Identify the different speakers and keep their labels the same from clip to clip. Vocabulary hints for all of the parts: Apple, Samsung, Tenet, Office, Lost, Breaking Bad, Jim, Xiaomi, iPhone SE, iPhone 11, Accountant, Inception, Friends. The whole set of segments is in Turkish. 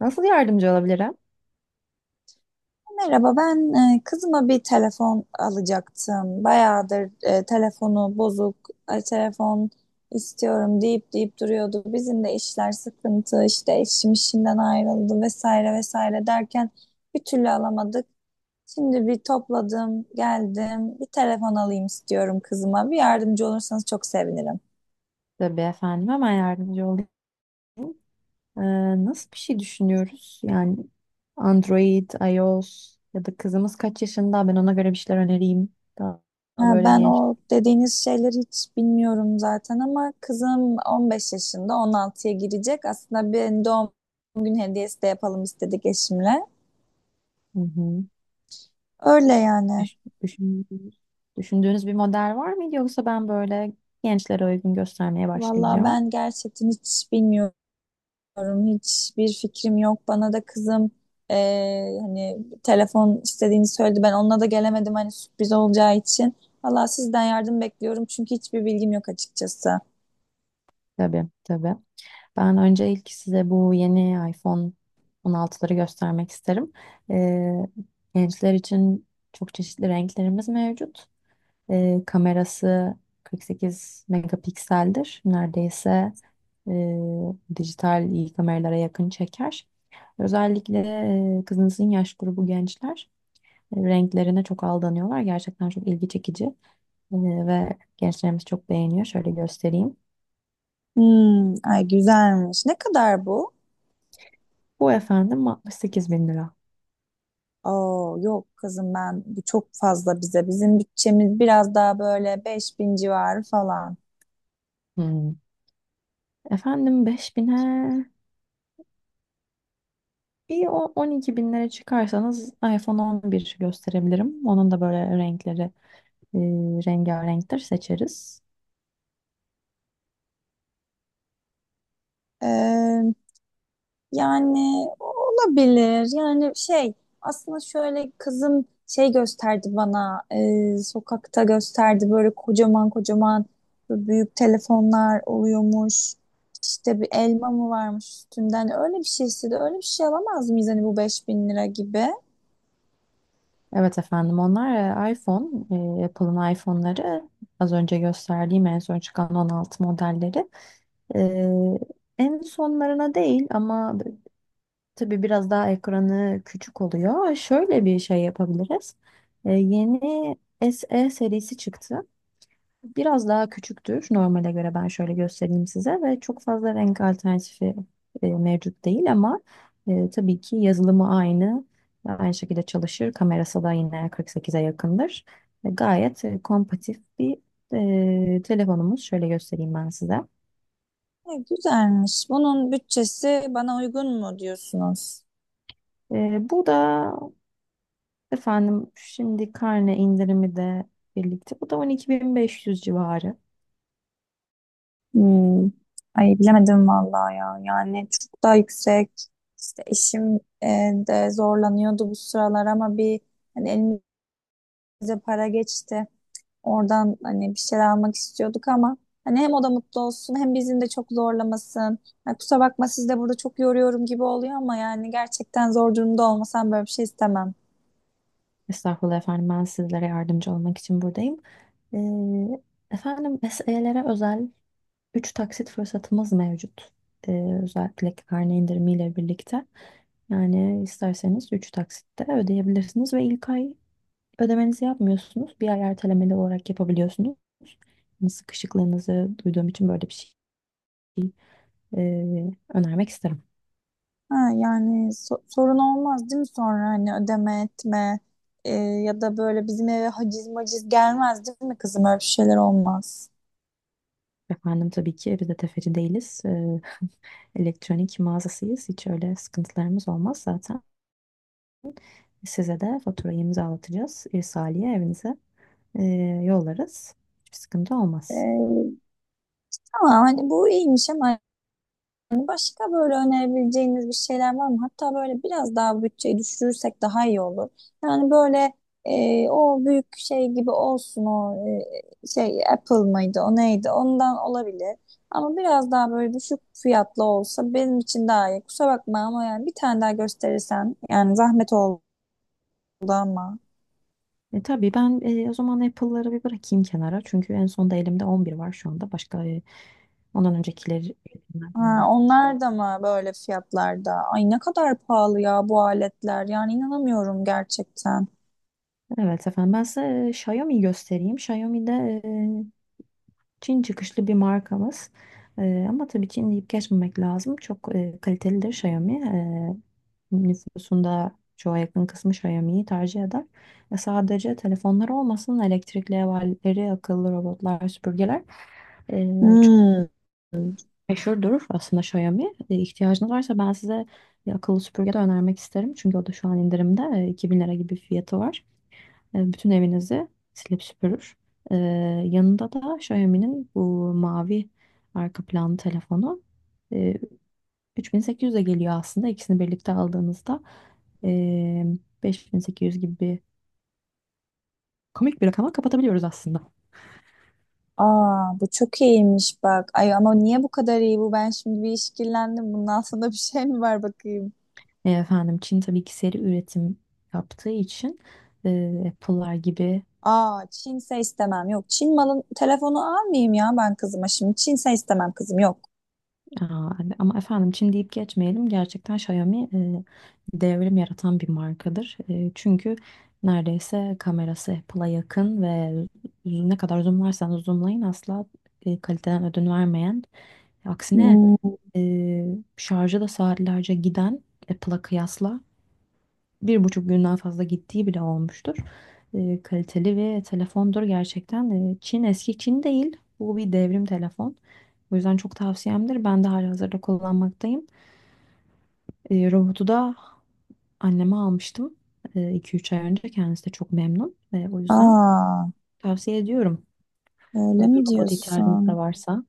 Speaker 1: Nasıl yardımcı olabilirim?
Speaker 2: Merhaba, ben kızıma bir telefon alacaktım. Bayağıdır telefonu bozuk, telefon istiyorum deyip duruyordu. Bizim de işler sıkıntı, işte eşim işinden ayrıldı vesaire vesaire derken bir türlü alamadık. Şimdi bir topladım, geldim, bir telefon alayım istiyorum kızıma. Bir yardımcı olursanız çok sevinirim.
Speaker 1: Tabii efendim hemen yardımcı olayım. Nasıl bir şey düşünüyoruz? Yani Android, iOS ya da kızımız kaç yaşında? Ben ona göre bir şeyler önereyim. Daha, daha
Speaker 2: Ha,
Speaker 1: böyle
Speaker 2: ben
Speaker 1: genç.
Speaker 2: o dediğiniz şeyleri hiç bilmiyorum zaten ama kızım 15 yaşında 16'ya girecek. Aslında bir doğum gün hediyesi de yapalım istedik eşimle.
Speaker 1: Hı hı.
Speaker 2: Öyle yani.
Speaker 1: Düş- düşündüğünüz, düşündüğünüz bir model var mıydı yoksa ben böyle gençlere uygun göstermeye
Speaker 2: Vallahi
Speaker 1: başlayacağım?
Speaker 2: ben gerçekten hiç bilmiyorum. Bilmiyorum, hiçbir fikrim yok. Bana da kızım hani telefon istediğini söyledi. Ben onunla da gelemedim hani sürpriz olacağı için. Valla sizden yardım bekliyorum çünkü hiçbir bilgim yok açıkçası.
Speaker 1: Tabii tabii. Ben önce ilk size bu yeni iPhone 16'ları göstermek isterim. Gençler için çok çeşitli renklerimiz mevcut. Kamerası 48 megapikseldir. Neredeyse e, dijital iyi kameralara yakın çeker. Özellikle kızınızın yaş grubu gençler renklerine çok aldanıyorlar. Gerçekten çok ilgi çekici E, ve gençlerimiz çok beğeniyor. Şöyle göstereyim.
Speaker 2: Hmm, ay güzelmiş. Ne kadar bu?
Speaker 1: Bu efendim 68 bin lira.
Speaker 2: Oo, yok kızım ben bu çok fazla bize. Bizim bütçemiz biraz daha böyle 5000 civarı falan.
Speaker 1: Hmm. Efendim 5 bine bir 12 binlere çıkarsanız iPhone 11 gösterebilirim. Onun da böyle renkleri e, rengarenktir seçeriz.
Speaker 2: Ee, yani olabilir. Yani şey aslında şöyle kızım şey gösterdi bana, sokakta gösterdi böyle kocaman kocaman böyle büyük telefonlar oluyormuş. İşte bir elma mı varmış üstünden öyle bir şeyse de öyle bir şey alamaz mıyız hani bu 5000 lira gibi?
Speaker 1: Evet efendim onlar e, iPhone, Apple'ın iPhone'ları, az önce gösterdiğim en son çıkan 16 modelleri en sonlarına değil ama tabii biraz daha ekranı küçük oluyor. Şöyle bir şey yapabiliriz. Yeni SE serisi çıktı. Biraz daha küçüktür normale göre ben şöyle göstereyim size ve çok fazla renk alternatifi mevcut değil ama tabii ki yazılımı aynı. Aynı şekilde çalışır. Kamerası da yine 48'e yakındır. Gayet kompatif bir telefonumuz. Şöyle göstereyim ben size.
Speaker 2: E, güzelmiş. Bunun bütçesi bana uygun mu diyorsunuz?
Speaker 1: Bu da efendim şimdi karne indirimi de birlikte. Bu da 12.500 civarı.
Speaker 2: Hmm. Ay bilemedim vallahi ya. Yani çok daha yüksek. İşte eşim de zorlanıyordu bu sıralar ama bir hani elimize para geçti. Oradan hani bir şeyler almak istiyorduk ama hani hem o da mutlu olsun hem bizim de çok zorlamasın. Ya kusura bakma, siz de burada çok yoruyorum gibi oluyor ama yani gerçekten zor durumda olmasam böyle bir şey istemem.
Speaker 1: Estağfurullah efendim ben sizlere yardımcı olmak için buradayım. Ee, efendim SE'lere özel 3 taksit fırsatımız mevcut. Özellikle karne indirimiyle birlikte. Yani isterseniz 3 taksitte ödeyebilirsiniz ve ilk ay ödemenizi yapmıyorsunuz. Bir ay ertelemeli olarak yapabiliyorsunuz. Yani sıkışıklığınızı duyduğum için böyle bir şey önermek isterim.
Speaker 2: Ha, yani sorun olmaz değil mi sonra hani ödeme etme, ya da böyle bizim eve haciz maciz gelmez değil mi kızım, öyle bir şeyler olmaz.
Speaker 1: Efendim tabii ki biz de tefeci değiliz. Elektronik mağazasıyız. Hiç öyle sıkıntılarımız olmaz zaten. Size de faturayı imzalatacağız. İrsaliye evinize e, yollarız. Hiçbir sıkıntı olmaz.
Speaker 2: E, tamam, hani bu iyiymiş ama hani başka böyle önerebileceğiniz bir şeyler var mı? Hatta böyle biraz daha bütçeyi düşürürsek daha iyi olur. Yani böyle o büyük şey gibi olsun, o şey Apple mıydı o neydi, ondan olabilir. Ama biraz daha böyle düşük fiyatlı olsa benim için daha iyi. Kusura bakma ama yani bir tane daha gösterirsen, yani zahmet oldu ama.
Speaker 1: Tabii ben o zaman Apple'ları bir bırakayım kenara. Çünkü en sonda elimde 11 var şu anda. Başka ondan öncekileri.
Speaker 2: Ha, onlar da mı böyle fiyatlarda? Ay ne kadar pahalı ya bu aletler. Yani inanamıyorum gerçekten.
Speaker 1: Evet efendim ben size Xiaomi göstereyim. Xiaomi'de e, Çin çıkışlı bir markamız. Ama tabii Çin deyip geçmemek lazım. Çok kalitelidir Xiaomi. Nüfusunda çoğa yakın kısmı Xiaomi'yi tercih eder. Sadece telefonlar olmasın, elektrikli evleri, akıllı robotlar, süpürgeler e, çok
Speaker 2: Hmm.
Speaker 1: meşhurdur aslında Xiaomi. E, ihtiyacınız varsa ben size bir akıllı süpürge de önermek isterim. Çünkü o da şu an indirimde. 2.000 lira gibi fiyatı var. Bütün evinizi silip süpürür. E, yanında da Xiaomi'nin bu mavi arka planlı telefonu e, 3.800'e geliyor aslında. İkisini birlikte aldığınızda e, 5.800 gibi bir komik bir rakama kapatabiliyoruz aslında.
Speaker 2: Aa, bu çok iyiymiş bak. Ay ama niye bu kadar iyi bu? Ben şimdi bir işkillendim. Bunun altında bir şey mi var bakayım?
Speaker 1: Efendim Çin tabii ki seri üretim yaptığı için Apple'lar gibi.
Speaker 2: Aa, Çinse istemem. Yok, Çin malın telefonu almayayım ya ben kızıma şimdi. Çinse istemem kızım, yok.
Speaker 1: Aa, ama efendim Çin deyip geçmeyelim. Gerçekten Xiaomi devrim yaratan bir markadır. Çünkü neredeyse kamerası Apple'a yakın ve ne kadar zoomlarsanız zoomlayın asla kaliteden ödün vermeyen. Aksine
Speaker 2: Hmm.
Speaker 1: e, şarjı da saatlerce giden Apple'a kıyasla bir buçuk günden fazla gittiği bile olmuştur. Kaliteli ve telefondur gerçekten. Çin eski Çin değil. Bu bir devrim telefon. O yüzden çok tavsiyemdir. Ben de halihazırda kullanmaktayım. Robotu da anneme almıştım. İki üç ay önce. Kendisi de çok memnun. O yüzden
Speaker 2: Aa,
Speaker 1: tavsiye ediyorum.
Speaker 2: öyle
Speaker 1: Böyle bir
Speaker 2: mi
Speaker 1: robot ihtiyacınız da
Speaker 2: diyorsun?
Speaker 1: varsa.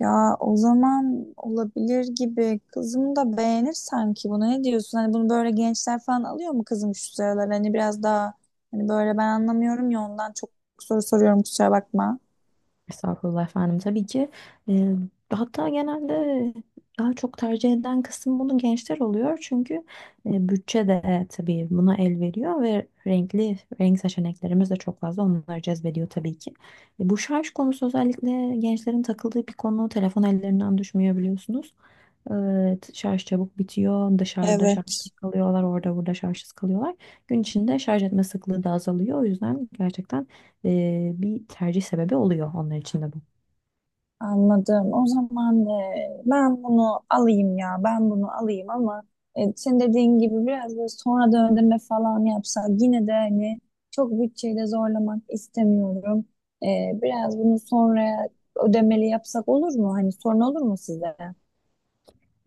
Speaker 2: Ya o zaman olabilir gibi. Kızım da beğenir sanki bunu. Ne diyorsun? Hani bunu böyle gençler falan alıyor mu kızım şu sıralar? Hani biraz daha hani böyle ben anlamıyorum ya, ondan çok soru soruyorum, kusura bakma.
Speaker 1: Estağfurullah efendim. Tabii ki e, hatta genelde daha çok tercih eden kısım bunu gençler oluyor. Çünkü bütçe de tabii buna el veriyor ve renkli renk seçeneklerimiz de çok fazla onları cezbediyor tabii ki. Bu şarj konusu özellikle gençlerin takıldığı bir konu. Telefon ellerinden düşmüyor biliyorsunuz. E, şarj çabuk bitiyor. Dışarıda
Speaker 2: Evet.
Speaker 1: şarjsız kalıyorlar, orada burada şarjsız kalıyorlar. Gün içinde şarj etme sıklığı da azalıyor. O yüzden gerçekten bir tercih sebebi oluyor onlar için de bu.
Speaker 2: Anladım. O zaman ben bunu alayım ya. Ben bunu alayım ama, senin dediğin gibi biraz böyle sonradan ödeme falan yapsak, yine de hani çok bütçeyi de zorlamak istemiyorum. E, biraz bunu sonra ödemeli yapsak olur mu? Hani sorun olur mu size?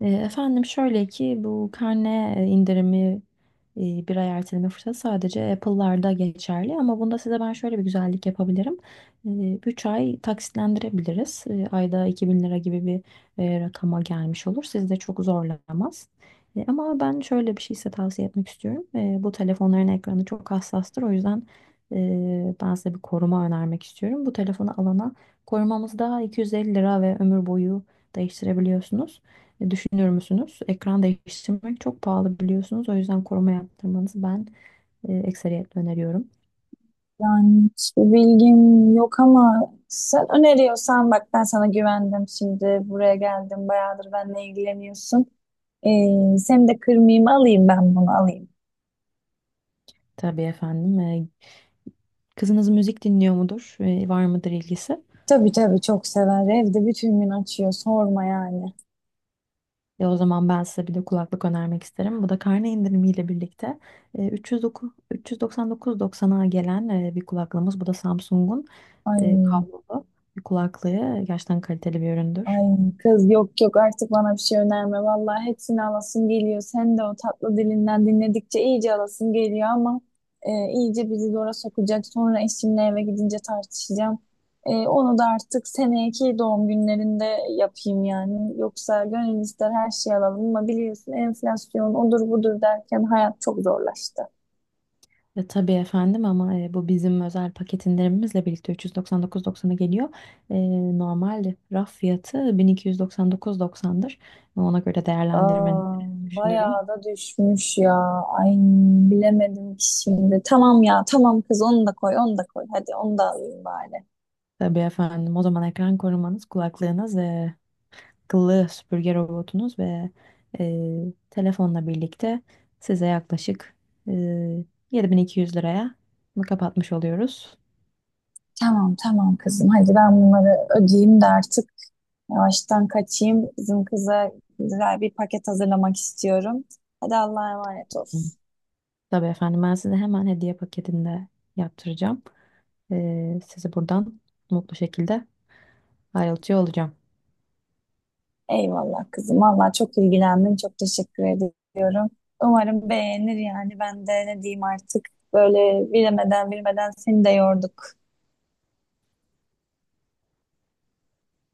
Speaker 1: Efendim şöyle ki bu karne indirimi bir ay erteleme fırsatı sadece Apple'larda geçerli ama bunda size ben şöyle bir güzellik yapabilirim. 3 ay taksitlendirebiliriz. Ayda 2.000 lira gibi bir rakama gelmiş olur. Sizi de çok zorlamaz. Ama ben şöyle bir şey size tavsiye etmek istiyorum. Bu telefonların ekranı çok hassastır. O yüzden ben size bir koruma önermek istiyorum. Bu telefonu alana korumamızda 250 lira ve ömür boyu değiştirebiliyorsunuz. Düşünüyor musunuz? Ekran değiştirmek çok pahalı biliyorsunuz. O yüzden koruma yaptırmanızı ben ekseriyetle öneriyorum.
Speaker 2: Yani hiçbir bilgim yok ama sen öneriyorsan, bak ben sana güvendim, şimdi buraya geldim, bayağıdır benle ilgileniyorsun. Seni de kırmayayım, alayım, ben bunu alayım.
Speaker 1: Tabii efendim. Kızınız müzik dinliyor mudur? Var mıdır ilgisi?
Speaker 2: Tabii tabii, çok sever, evde bütün gün açıyor, sorma yani.
Speaker 1: O zaman ben size bir de kulaklık önermek isterim. Bu da karne indirimiyle birlikte 309 399,90'a gelen bir kulaklığımız. Bu da Samsung'un
Speaker 2: Ay.
Speaker 1: kablolu bir kulaklığı. Gerçekten kaliteli bir üründür.
Speaker 2: Ay kız, yok yok, artık bana bir şey önerme. Vallahi hepsini alasım geliyor. Sen de o tatlı dilinden dinledikçe iyice alasım geliyor ama iyice bizi zora sokacak. Sonra eşimle eve gidince tartışacağım. E, onu da artık seneki doğum günlerinde yapayım yani. Yoksa gönül ister her şeyi alalım ama biliyorsun, enflasyon odur budur derken hayat çok zorlaştı.
Speaker 1: Tabii efendim ama bu bizim özel paket indirimimizle birlikte 399,90'a geliyor. Normal raf fiyatı 1.299,90'dır. Ona göre değerlendirmeni
Speaker 2: Aa, bayağı
Speaker 1: düşünürüm.
Speaker 2: da düşmüş ya. Ay bilemedim ki şimdi. Tamam ya tamam kız, onu da koy, onu da koy. Hadi onu da alayım bari.
Speaker 1: Tabii efendim o zaman ekran korumanız, kulaklığınız, akıllı süpürge robotunuz ve telefonla birlikte size yaklaşık e, 7.200 liraya bunu kapatmış oluyoruz.
Speaker 2: Tamam tamam kızım, hadi ben bunları ödeyeyim de artık yavaştan kaçayım. Bizim kıza güzel bir paket hazırlamak istiyorum. Hadi Allah'a emanet ol.
Speaker 1: Tabii efendim ben size hemen hediye paketinde yaptıracağım. Sizi buradan mutlu şekilde ayrılıyor olacağım.
Speaker 2: Eyvallah kızım. Vallahi çok ilgilendin. Çok teşekkür ediyorum. Umarım beğenir yani. Ben de ne diyeyim artık. Böyle bilemeden bilmeden seni de yorduk.